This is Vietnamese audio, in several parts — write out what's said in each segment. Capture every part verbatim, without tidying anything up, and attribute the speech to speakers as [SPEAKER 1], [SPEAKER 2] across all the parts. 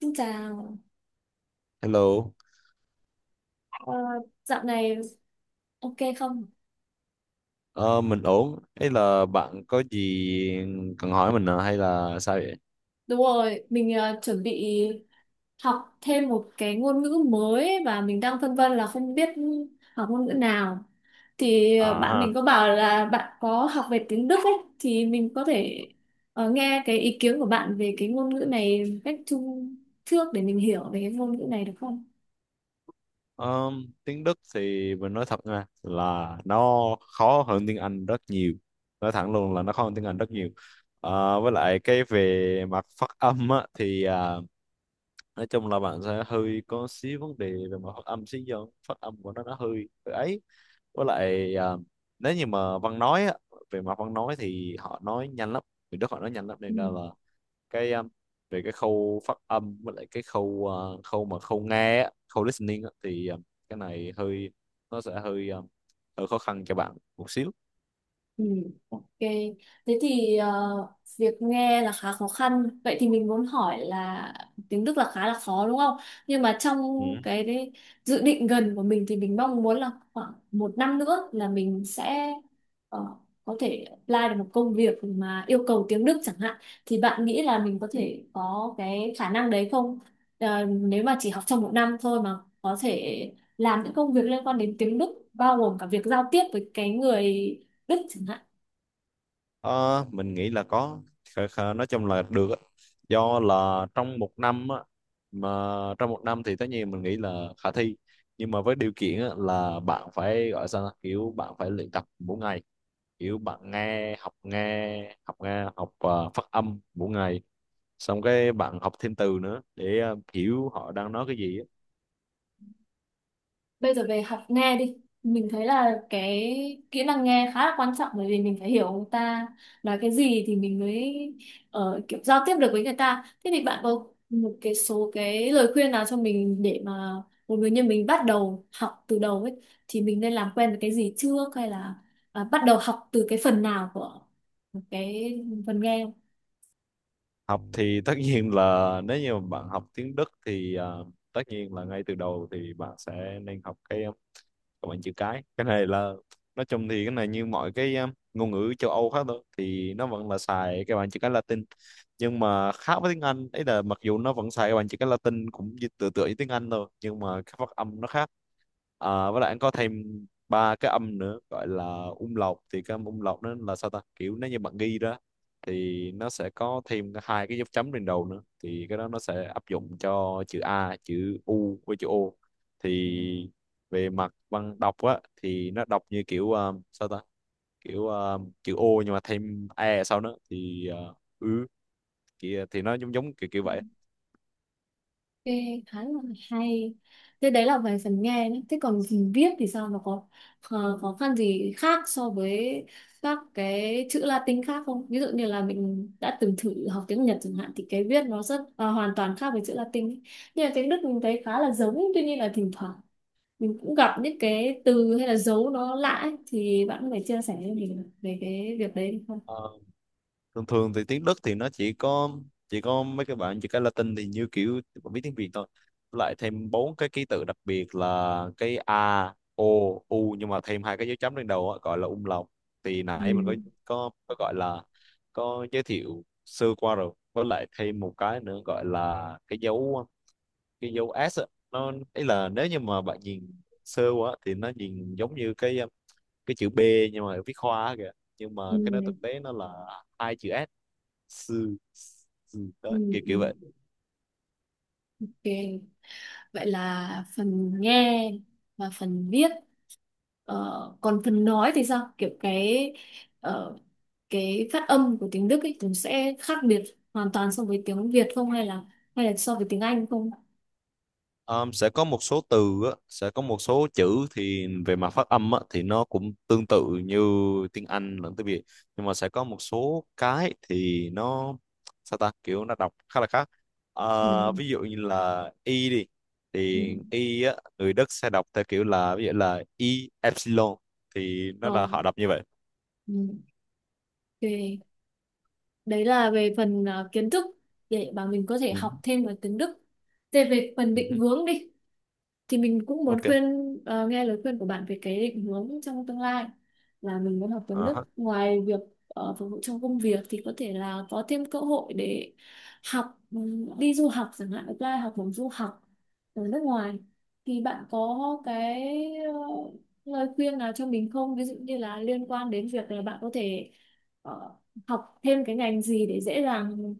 [SPEAKER 1] Xin chào.
[SPEAKER 2] Hello,
[SPEAKER 1] Ờ, Dạo này ok không?
[SPEAKER 2] ờ, mình ổn. Hay là bạn có gì cần hỏi mình à? Hay là sao vậy?
[SPEAKER 1] Đúng rồi, mình ờ, chuẩn bị học thêm một cái ngôn ngữ mới và mình đang phân vân là không biết học ngôn ngữ nào. Thì
[SPEAKER 2] À
[SPEAKER 1] ờ, bạn mình
[SPEAKER 2] ha.
[SPEAKER 1] có bảo là bạn có học về tiếng Đức ấy, thì mình có thể ờ, nghe cái ý kiến của bạn về cái ngôn ngữ này một cách chung trước để mình hiểu về cái ngôn ngữ này được không?
[SPEAKER 2] Ờ, Tiếng Đức thì mình nói thật nha là nó khó hơn tiếng Anh rất nhiều. Nói thẳng luôn là nó khó hơn tiếng Anh rất nhiều. Ờ, với lại cái về mặt phát âm á, thì à, nói chung là bạn sẽ hơi có xíu vấn đề về mặt phát âm xíu do phát âm của nó nó hơi hơi ấy. Với lại à, nếu như mà văn nói á, về mặt văn nói thì họ nói nhanh lắm. Người Đức họ nói nhanh lắm nên là cái um, về cái khâu phát âm với lại cái khâu ờ, khâu mà khâu nghe á, khâu listening á, thì um, cái này hơi, nó sẽ hơi um, hơi khó khăn cho bạn một xíu.
[SPEAKER 1] Ừ, ok. Thế thì ờ, việc nghe là khá khó khăn. Vậy thì mình muốn hỏi là tiếng Đức là khá là khó đúng không? Nhưng mà trong
[SPEAKER 2] Ừ.
[SPEAKER 1] cái đấy, dự định gần của mình thì mình mong muốn là khoảng một năm nữa là mình sẽ ờ, có thể apply được một công việc mà yêu cầu tiếng Đức chẳng hạn. Thì bạn nghĩ là mình có thể có cái khả năng đấy không? Ờ, nếu mà chỉ học trong một năm thôi mà có thể làm những công việc liên quan đến tiếng Đức, bao gồm cả việc giao tiếp với cái người Đức chẳng hạn.
[SPEAKER 2] Ờ, mình nghĩ là có. Khờ- khờ- nói chung là được á. Do là trong một năm á, mà trong một năm thì tất nhiên mình nghĩ là khả thi, nhưng mà với điều kiện á, là bạn phải gọi sao ta? Kiểu bạn phải luyện tập mỗi ngày, kiểu bạn nghe học nghe học nghe học ờ, phát âm mỗi ngày, xong cái bạn học thêm từ nữa để ờ, hiểu họ đang nói cái gì á.
[SPEAKER 1] Bây giờ về học nghe đi, mình thấy là cái kỹ năng nghe khá là quan trọng, bởi vì mình phải hiểu người ta nói cái gì thì mình mới ờ, kiểu giao tiếp được với người ta. Thế thì bạn có một cái số cái lời khuyên nào cho mình, để mà một người như mình bắt đầu học từ đầu ấy, thì mình nên làm quen với cái gì trước, hay là à, bắt đầu học từ cái phần nào của cái phần nghe?
[SPEAKER 2] Học thì tất nhiên là nếu như mà bạn học tiếng Đức thì ờ, tất nhiên là ngay từ đầu thì bạn sẽ nên học cái còn bằng chữ cái. Cái này là nói chung thì cái này như mọi cái um, ngôn ngữ châu Âu khác thôi, thì nó vẫn là xài cái bảng chữ cái Latin. Nhưng mà khác với tiếng Anh ấy là mặc dù nó vẫn xài cái bảng chữ cái Latin cũng như tựa tựa như tiếng Anh thôi, nhưng mà cái phát âm nó khác. À, với lại anh có thêm ba cái âm nữa gọi là umlaut. Thì cái âm umlaut nó là sao ta, kiểu nếu như bạn ghi ra thì nó sẽ có thêm cái- hai cái dấu chấm trên đầu nữa, thì cái đó nó sẽ áp dụng cho chữ A, chữ U với chữ O. Thì về mặt văn đọc á thì nó đọc như kiểu ờ, sao ta, kiểu ờ, chữ O nhưng mà thêm e sau nữa thì ờ, ứ thì, ờ, thì nó giống giống kiểu kiểu vậy.
[SPEAKER 1] Nghe khá là hay. Thế đấy là về phần nghe nhé, thế còn phần viết thì sao, nó có khó, khó khăn gì khác so với các cái chữ Latin khác không? Ví dụ như là mình đã từng thử học tiếng Nhật chẳng hạn thì cái viết nó rất à, hoàn toàn khác với chữ Latin ấy. Nhưng mà tiếng Đức mình thấy khá là giống, tuy nhiên là thỉnh thoảng mình cũng gặp những cái từ hay là dấu nó lạ ấy. Thì bạn có thể chia sẻ với mình về cái việc đấy được không?
[SPEAKER 2] Ờ, Thường thường thì tiếng Đức thì nó chỉ có chỉ có mấy cái bạn chỉ cái Latin thì như kiểu bạn biết tiếng Việt thôi. Với lại thêm bốn cái ký tự đặc biệt là cái A O U nhưng mà thêm hai cái dấu chấm lên đầu á, gọi là um lòng. Thì nãy mình có
[SPEAKER 1] Ừ.
[SPEAKER 2] có có gọi là có giới thiệu sơ qua rồi. Với lại thêm một cái nữa gọi là cái dấu cái dấu S á. Nó ấy là nếu như mà bạn nhìn sơ quá thì nó nhìn giống như cái um, cái chữ B nhưng mà viết hoa kìa, nhưng mà
[SPEAKER 1] Ừ,
[SPEAKER 2] cái nó thực tế nó là hai chữ S: sư, sư
[SPEAKER 1] ừ,
[SPEAKER 2] đó, kiểu kiểu
[SPEAKER 1] ừ.
[SPEAKER 2] vậy.
[SPEAKER 1] Ok. Vậy là phần nghe và phần viết. Ờ, còn phần nói thì sao? Kiểu cái ờ, cái phát âm của tiếng Đức ấy cũng sẽ khác biệt hoàn toàn so với tiếng Việt không, hay là hay là so với tiếng Anh không?
[SPEAKER 2] Ờ, sẽ có một số từ á, sẽ có một số chữ thì về mặt phát âm á, thì nó cũng tương tự như tiếng Anh lẫn tiếng Việt. Nhưng mà sẽ có một số cái thì nó sao ta, kiểu nó đọc khá là khác. Ờ,
[SPEAKER 1] Ừ.
[SPEAKER 2] ví dụ như là y đi,
[SPEAKER 1] Ừ.
[SPEAKER 2] thì y á, người Đức sẽ đọc theo kiểu là, ví dụ là y epsilon, thì
[SPEAKER 1] Ờ,
[SPEAKER 2] nó là họ đọc như vậy.
[SPEAKER 1] ừ. Ok. Đấy là về phần ờ, kiến thức để mà mình có thể
[SPEAKER 2] Ừ,
[SPEAKER 1] học thêm ở tiếng Đức. Thế về phần
[SPEAKER 2] ừ,
[SPEAKER 1] định hướng đi thì mình cũng
[SPEAKER 2] ok.
[SPEAKER 1] muốn khuyên, ờ, nghe lời khuyên của bạn về cái định hướng trong tương lai, là mình muốn học tiếng Đức,
[SPEAKER 2] Ờ,
[SPEAKER 1] ngoài việc ờ, phục vụ trong công việc thì có thể là có thêm cơ hội để học, ừm, đi du học chẳng hạn, apply học bổng du học ở nước ngoài. Thì bạn có cái ờ, lời khuyên nào cho mình không, ví dụ như là liên quan đến việc là bạn có thể ờ, học thêm cái ngành gì để dễ dàng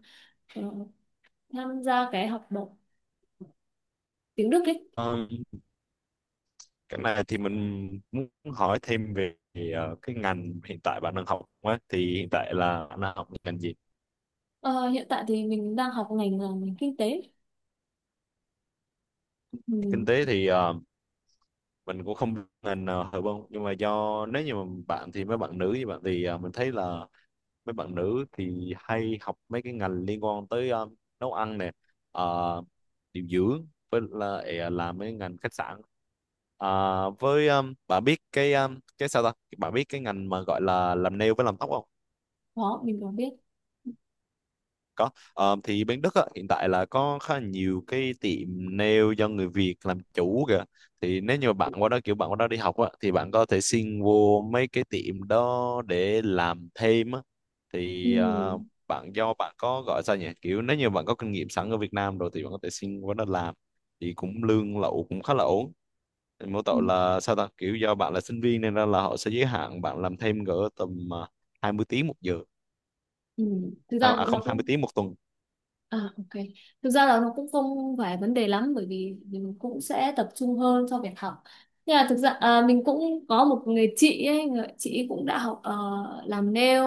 [SPEAKER 1] ờ, tham gia cái học bổng tiếng Đức ấy?
[SPEAKER 2] cái này thì mình muốn hỏi thêm về ờ, cái ngành hiện tại bạn đang học á, thì hiện tại là bạn đang học ngành gì?
[SPEAKER 1] Ờ, Hiện tại thì mình đang học ngành là ngành kinh tế.
[SPEAKER 2] Kinh
[SPEAKER 1] Ừ.
[SPEAKER 2] tế thì ờ, mình cũng không biết ngành nào hợp không, nhưng mà do nếu như mà bạn thì mấy bạn nữ như bạn thì ờ, mình thấy là mấy bạn nữ thì hay học mấy cái ngành liên quan tới ờ, nấu ăn nè, ờ, điều dưỡng, với lại là, làm mấy ngành khách sạn. À, với um, bạn biết cái um, cái sao ta, bạn biết cái ngành mà gọi là làm nail với làm tóc không?
[SPEAKER 1] Đó mình có biết.
[SPEAKER 2] Có. Ờ, thì bên Đức á, hiện tại là có khá là nhiều cái tiệm nail do người Việt làm chủ kìa. Thì nếu như mà bạn qua đó kiểu bạn qua đó đi học á, thì bạn có thể xin vô mấy cái tiệm đó để làm thêm á.
[SPEAKER 1] Ừ.
[SPEAKER 2] Thì ờ, bạn do bạn có gọi sao nhỉ? Kiểu nếu như bạn có kinh nghiệm sẵn ở Việt Nam rồi thì bạn có thể xin qua đó làm. Thì cũng lương lậu cũng khá là ổn. Thì mỗi
[SPEAKER 1] Ừ.
[SPEAKER 2] tội là sao ta? Kiểu do bạn là sinh viên nên ra là họ sẽ giới hạn bạn làm thêm cỡ tầm ờ, hai mươi tiếng một giờ.
[SPEAKER 1] Ừ. thực
[SPEAKER 2] Hai-
[SPEAKER 1] ra
[SPEAKER 2] À
[SPEAKER 1] cũng-
[SPEAKER 2] không,
[SPEAKER 1] nó
[SPEAKER 2] hai mươi
[SPEAKER 1] cũng
[SPEAKER 2] tiếng một tuần
[SPEAKER 1] À, ok. Thực ra là nó cũng không phải vấn đề lắm, bởi vì mình cũng sẽ tập trung hơn cho việc học, nhưng mà thực ra à, mình cũng có một người chị ấy, người chị ấy cũng đã học ờ, làm nail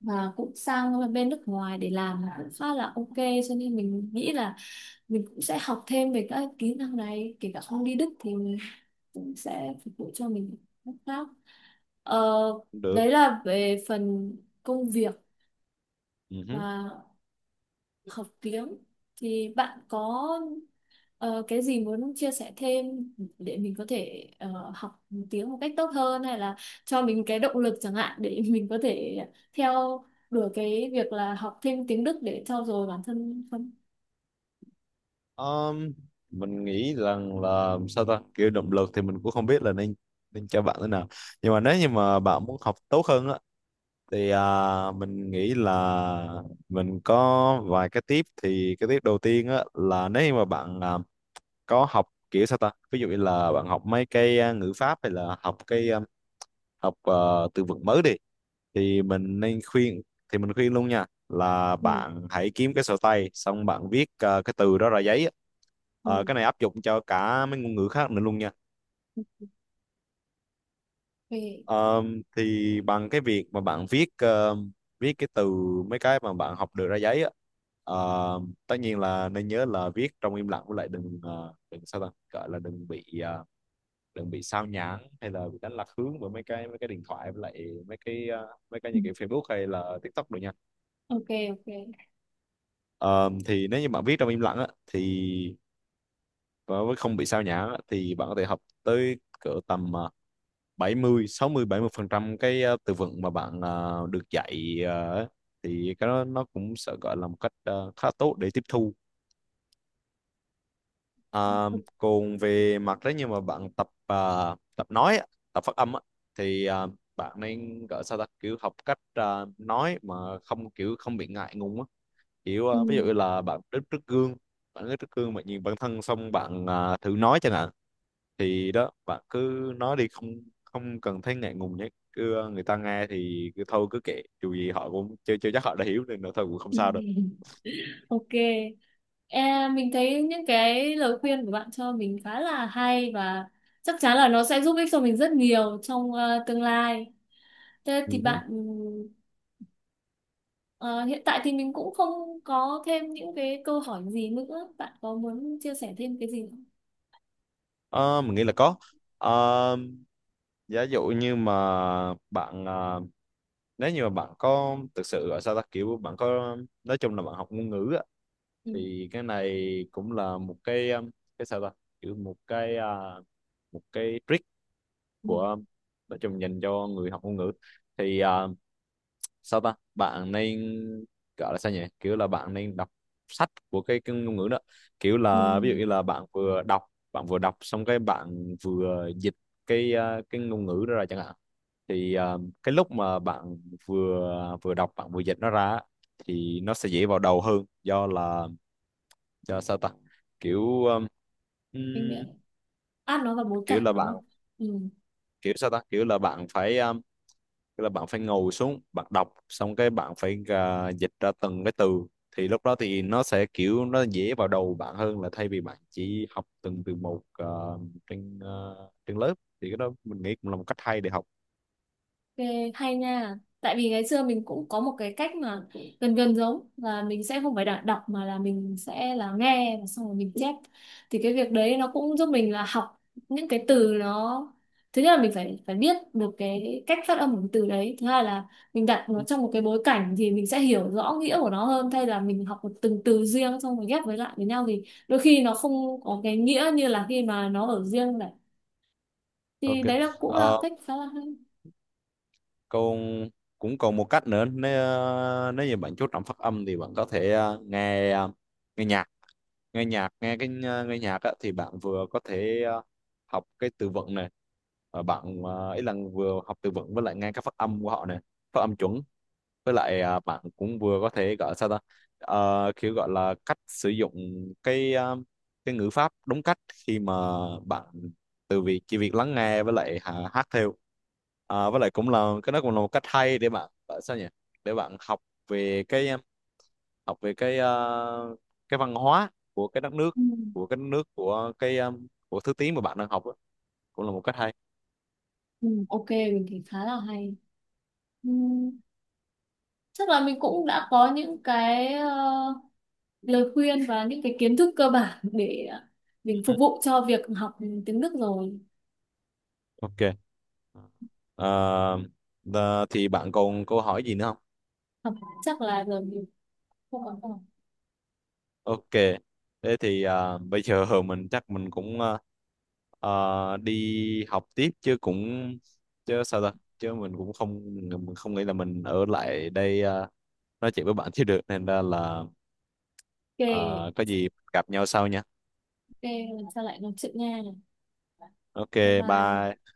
[SPEAKER 1] và cũng sang bên nước ngoài để làm cũng khá là ok, cho nên mình nghĩ là mình cũng sẽ học thêm về các kỹ năng này, kể cả không đi Đức thì cũng sẽ phục vụ cho mình lúc khác. ờ,
[SPEAKER 2] cũng được.
[SPEAKER 1] Đấy là về phần công việc
[SPEAKER 2] Ừ.
[SPEAKER 1] và học tiếng, thì bạn có ờ, cái gì muốn chia sẻ thêm để mình có thể ờ, học tiếng một cách tốt hơn, hay là cho mình cái động lực chẳng hạn để mình có thể theo đuổi cái việc là học thêm tiếng Đức để trau dồi bản thân không?
[SPEAKER 2] Ờm, mình nghĩ rằng là sao ta, kiểu động lực thì mình cũng không biết là nên nên cho bạn thế nào. Nhưng mà nếu như mà bạn muốn học tốt hơn á thì à, mình nghĩ là mình có vài cái tip. Thì cái tip đầu tiên á là nếu như mà bạn à, có học kiểu sao ta, ví dụ như là bạn học mấy cái à, ngữ pháp, hay là học cái à, học à, từ vựng mới đi, thì mình nên khuyên thì mình khuyên luôn nha là
[SPEAKER 1] Ừ.
[SPEAKER 2] bạn hãy kiếm cái sổ tay, xong bạn viết ờ, cái từ đó ra giấy á.
[SPEAKER 1] Ừ.
[SPEAKER 2] Ờ, cái này áp dụng cho cả mấy ngôn ngữ khác nữa luôn nha.
[SPEAKER 1] Ok.
[SPEAKER 2] Ờ, thì bằng cái việc mà bạn viết ờ, viết cái từ, mấy cái mà bạn học được ra giấy á, ờ, tất nhiên là nên nhớ là viết trong im lặng, với lại đừng ờ, đừng sao ta, gọi là đừng bị ờ, đừng bị sao nhãng hay là bị đánh lạc hướng bởi mấy cái mấy cái điện thoại, với lại mấy cái ờ, mấy cái
[SPEAKER 1] Ừ.
[SPEAKER 2] những cái Facebook hay là TikTok được nha.
[SPEAKER 1] Ok, ok.
[SPEAKER 2] Ờ, thì nếu như bạn viết trong im lặng á, thì và với không bị sao nhãng á, thì bạn có thể học tới cỡ tầm ờ, bảy mươi sáu mươi bảy mươi phần trăm cái ờ, từ vựng mà bạn ờ, được dạy. ờ, thì cái đó nó cũng sẽ gọi là một cách ờ, khá tốt để tiếp thu. Ờ, Còn về mặt đấy như mà bạn tập ờ, tập nói á, tập phát âm á, thì ờ, bạn nên gọi sao ta, kiểu học cách ờ, nói mà không kiểu không bị ngại ngùng á, kiểu
[SPEAKER 1] Ừ.
[SPEAKER 2] ờ, ví dụ là bạn đứng trước gương bạn đứng trước gương bạn nhìn bản thân, xong bạn ờ, thử nói chẳng hạn. Thì đó, bạn cứ nói đi, không không cần thấy ngại ngùng nhé, cứ ờ, người ta nghe thì cứ thôi cứ kệ, dù gì họ cũng chưa chưa chắc họ đã hiểu, nên là thôi cũng không sao đâu.
[SPEAKER 1] Ok. E, mình thấy những cái lời khuyên của bạn cho mình khá là hay và chắc chắn là nó sẽ giúp ích cho mình rất nhiều trong ờ, tương lai. Thế
[SPEAKER 2] Ừ
[SPEAKER 1] thì
[SPEAKER 2] hứ.
[SPEAKER 1] bạn ờ, hiện tại thì mình cũng không có thêm những cái câu hỏi gì nữa. Bạn có muốn chia sẻ thêm cái gì không?
[SPEAKER 2] Ờ, mình nghĩ là có. Ờ, Giả dụ như mà bạn ờ, nếu như mà bạn có thực sự ở sao ta, kiểu bạn có, nói chung là bạn học ngôn ngữ á,
[SPEAKER 1] Ừ.
[SPEAKER 2] thì cái này cũng là một cái ờ, cái sao ta, kiểu một cái ờ, một cái trick
[SPEAKER 1] Ừ.
[SPEAKER 2] của, nói chung dành cho người học ngôn ngữ. Thì à, sao ta, bạn nên gọi là sao nhỉ, kiểu là bạn nên đọc sách của cái, cái ngôn ngữ đó, kiểu
[SPEAKER 1] Ừ.
[SPEAKER 2] là ví dụ như là bạn vừa đọc bạn vừa đọc xong cái bạn vừa dịch cái à, cái ngôn ngữ đó ra chẳng hạn, thì à, cái lúc mà bạn vừa vừa đọc bạn vừa dịch nó ra á, thì nó sẽ dễ vào đầu hơn do là do sao ta, kiểu um,
[SPEAKER 1] Mình
[SPEAKER 2] ừm,
[SPEAKER 1] ờ, áp nó vào bối
[SPEAKER 2] kiểu
[SPEAKER 1] cảnh
[SPEAKER 2] là
[SPEAKER 1] đúng
[SPEAKER 2] bạn
[SPEAKER 1] không? Ừ.
[SPEAKER 2] kiểu sao ta kiểu là bạn phải um, tức là bạn phải ngồi xuống bạn đọc xong cái bạn phải à, dịch ra từng cái từ, thì lúc đó thì nó sẽ kiểu nó dễ vào đầu bạn hơn là thay vì bạn chỉ học từng từ một à, trên à, trên lớp, thì cái đó mình nghĩ cũng là một cách hay để học.
[SPEAKER 1] Ghê, hay nha. Tại vì ngày xưa mình cũng có một cái cách mà gần gần giống, là mình sẽ không phải đọc, đọc mà là mình sẽ là nghe và xong rồi mình chép. Thì cái việc đấy nó cũng giúp mình là học những cái từ nó, thứ nhất là mình phải phải biết được cái cách phát âm của cái từ đấy. Thứ hai là mình đặt nó trong một cái bối cảnh thì mình sẽ hiểu rõ nghĩa của nó hơn, thay là mình học một từng từ riêng xong rồi ghép với lại với nhau thì đôi khi nó không có cái nghĩa như là khi mà nó ở riêng này. Thì
[SPEAKER 2] Ok.
[SPEAKER 1] đấy là cũng là
[SPEAKER 2] Ờ,
[SPEAKER 1] cách khá là hay.
[SPEAKER 2] Còn cũng còn một cách nữa, nếu à, nếu như bạn chú trọng phát âm thì bạn có thể à, nghe à, nghe nhạc nghe nhạc nghe cái ờ, nghe nhạc á, thì bạn vừa có thể ờ, học cái từ vựng này, và bạn ờ, ý là vừa học từ vựng, với lại nghe các phát âm của họ này, phát âm chuẩn. Với lại ờ, bạn cũng vừa có thể gọi sao ta. Ờ, kiểu gọi là cách sử dụng cái ờ, cái ngữ pháp đúng cách khi mà bạn, từ việc chỉ việc lắng nghe với lại hà- hát theo. Ờ, với lại cũng là cái đó cũng là một cách hay để bạn gọi sao nhỉ, để bạn học về cái học về cái ờ, cái văn hóa của cái đất nước
[SPEAKER 1] Ừ.
[SPEAKER 2] của cái đất nước của cái ờ, của thứ tiếng mà bạn đang học á, cũng là một cách hay.
[SPEAKER 1] Ừ, ok mình thấy khá là hay. Ừ, chắc là mình cũng đã có những cái ờ, lời khuyên và những cái kiến thức cơ bản để ờ, mình
[SPEAKER 2] Ừ.
[SPEAKER 1] phục vụ cho việc học tiếng Đức rồi.
[SPEAKER 2] Ok. Ờ, ờ, thì bạn còn câu hỏi gì nữa không?
[SPEAKER 1] học Chắc là giờ mình không còn. Ok.
[SPEAKER 2] Ok. Thế thì ờ, bây giờ mình chắc mình cũng ờ, ờ, đi học tiếp chứ cũng, chứ sao ta, chứ mình cũng không mình không nghĩ là mình ở lại đây ờ, nói chuyện với bạn chứ được, nên ra là ờ, có gì gặp nhau sau nha.
[SPEAKER 1] Ok. Lần sau lại nói chuyện nha. Bye
[SPEAKER 2] Ok.
[SPEAKER 1] bye.
[SPEAKER 2] Bye.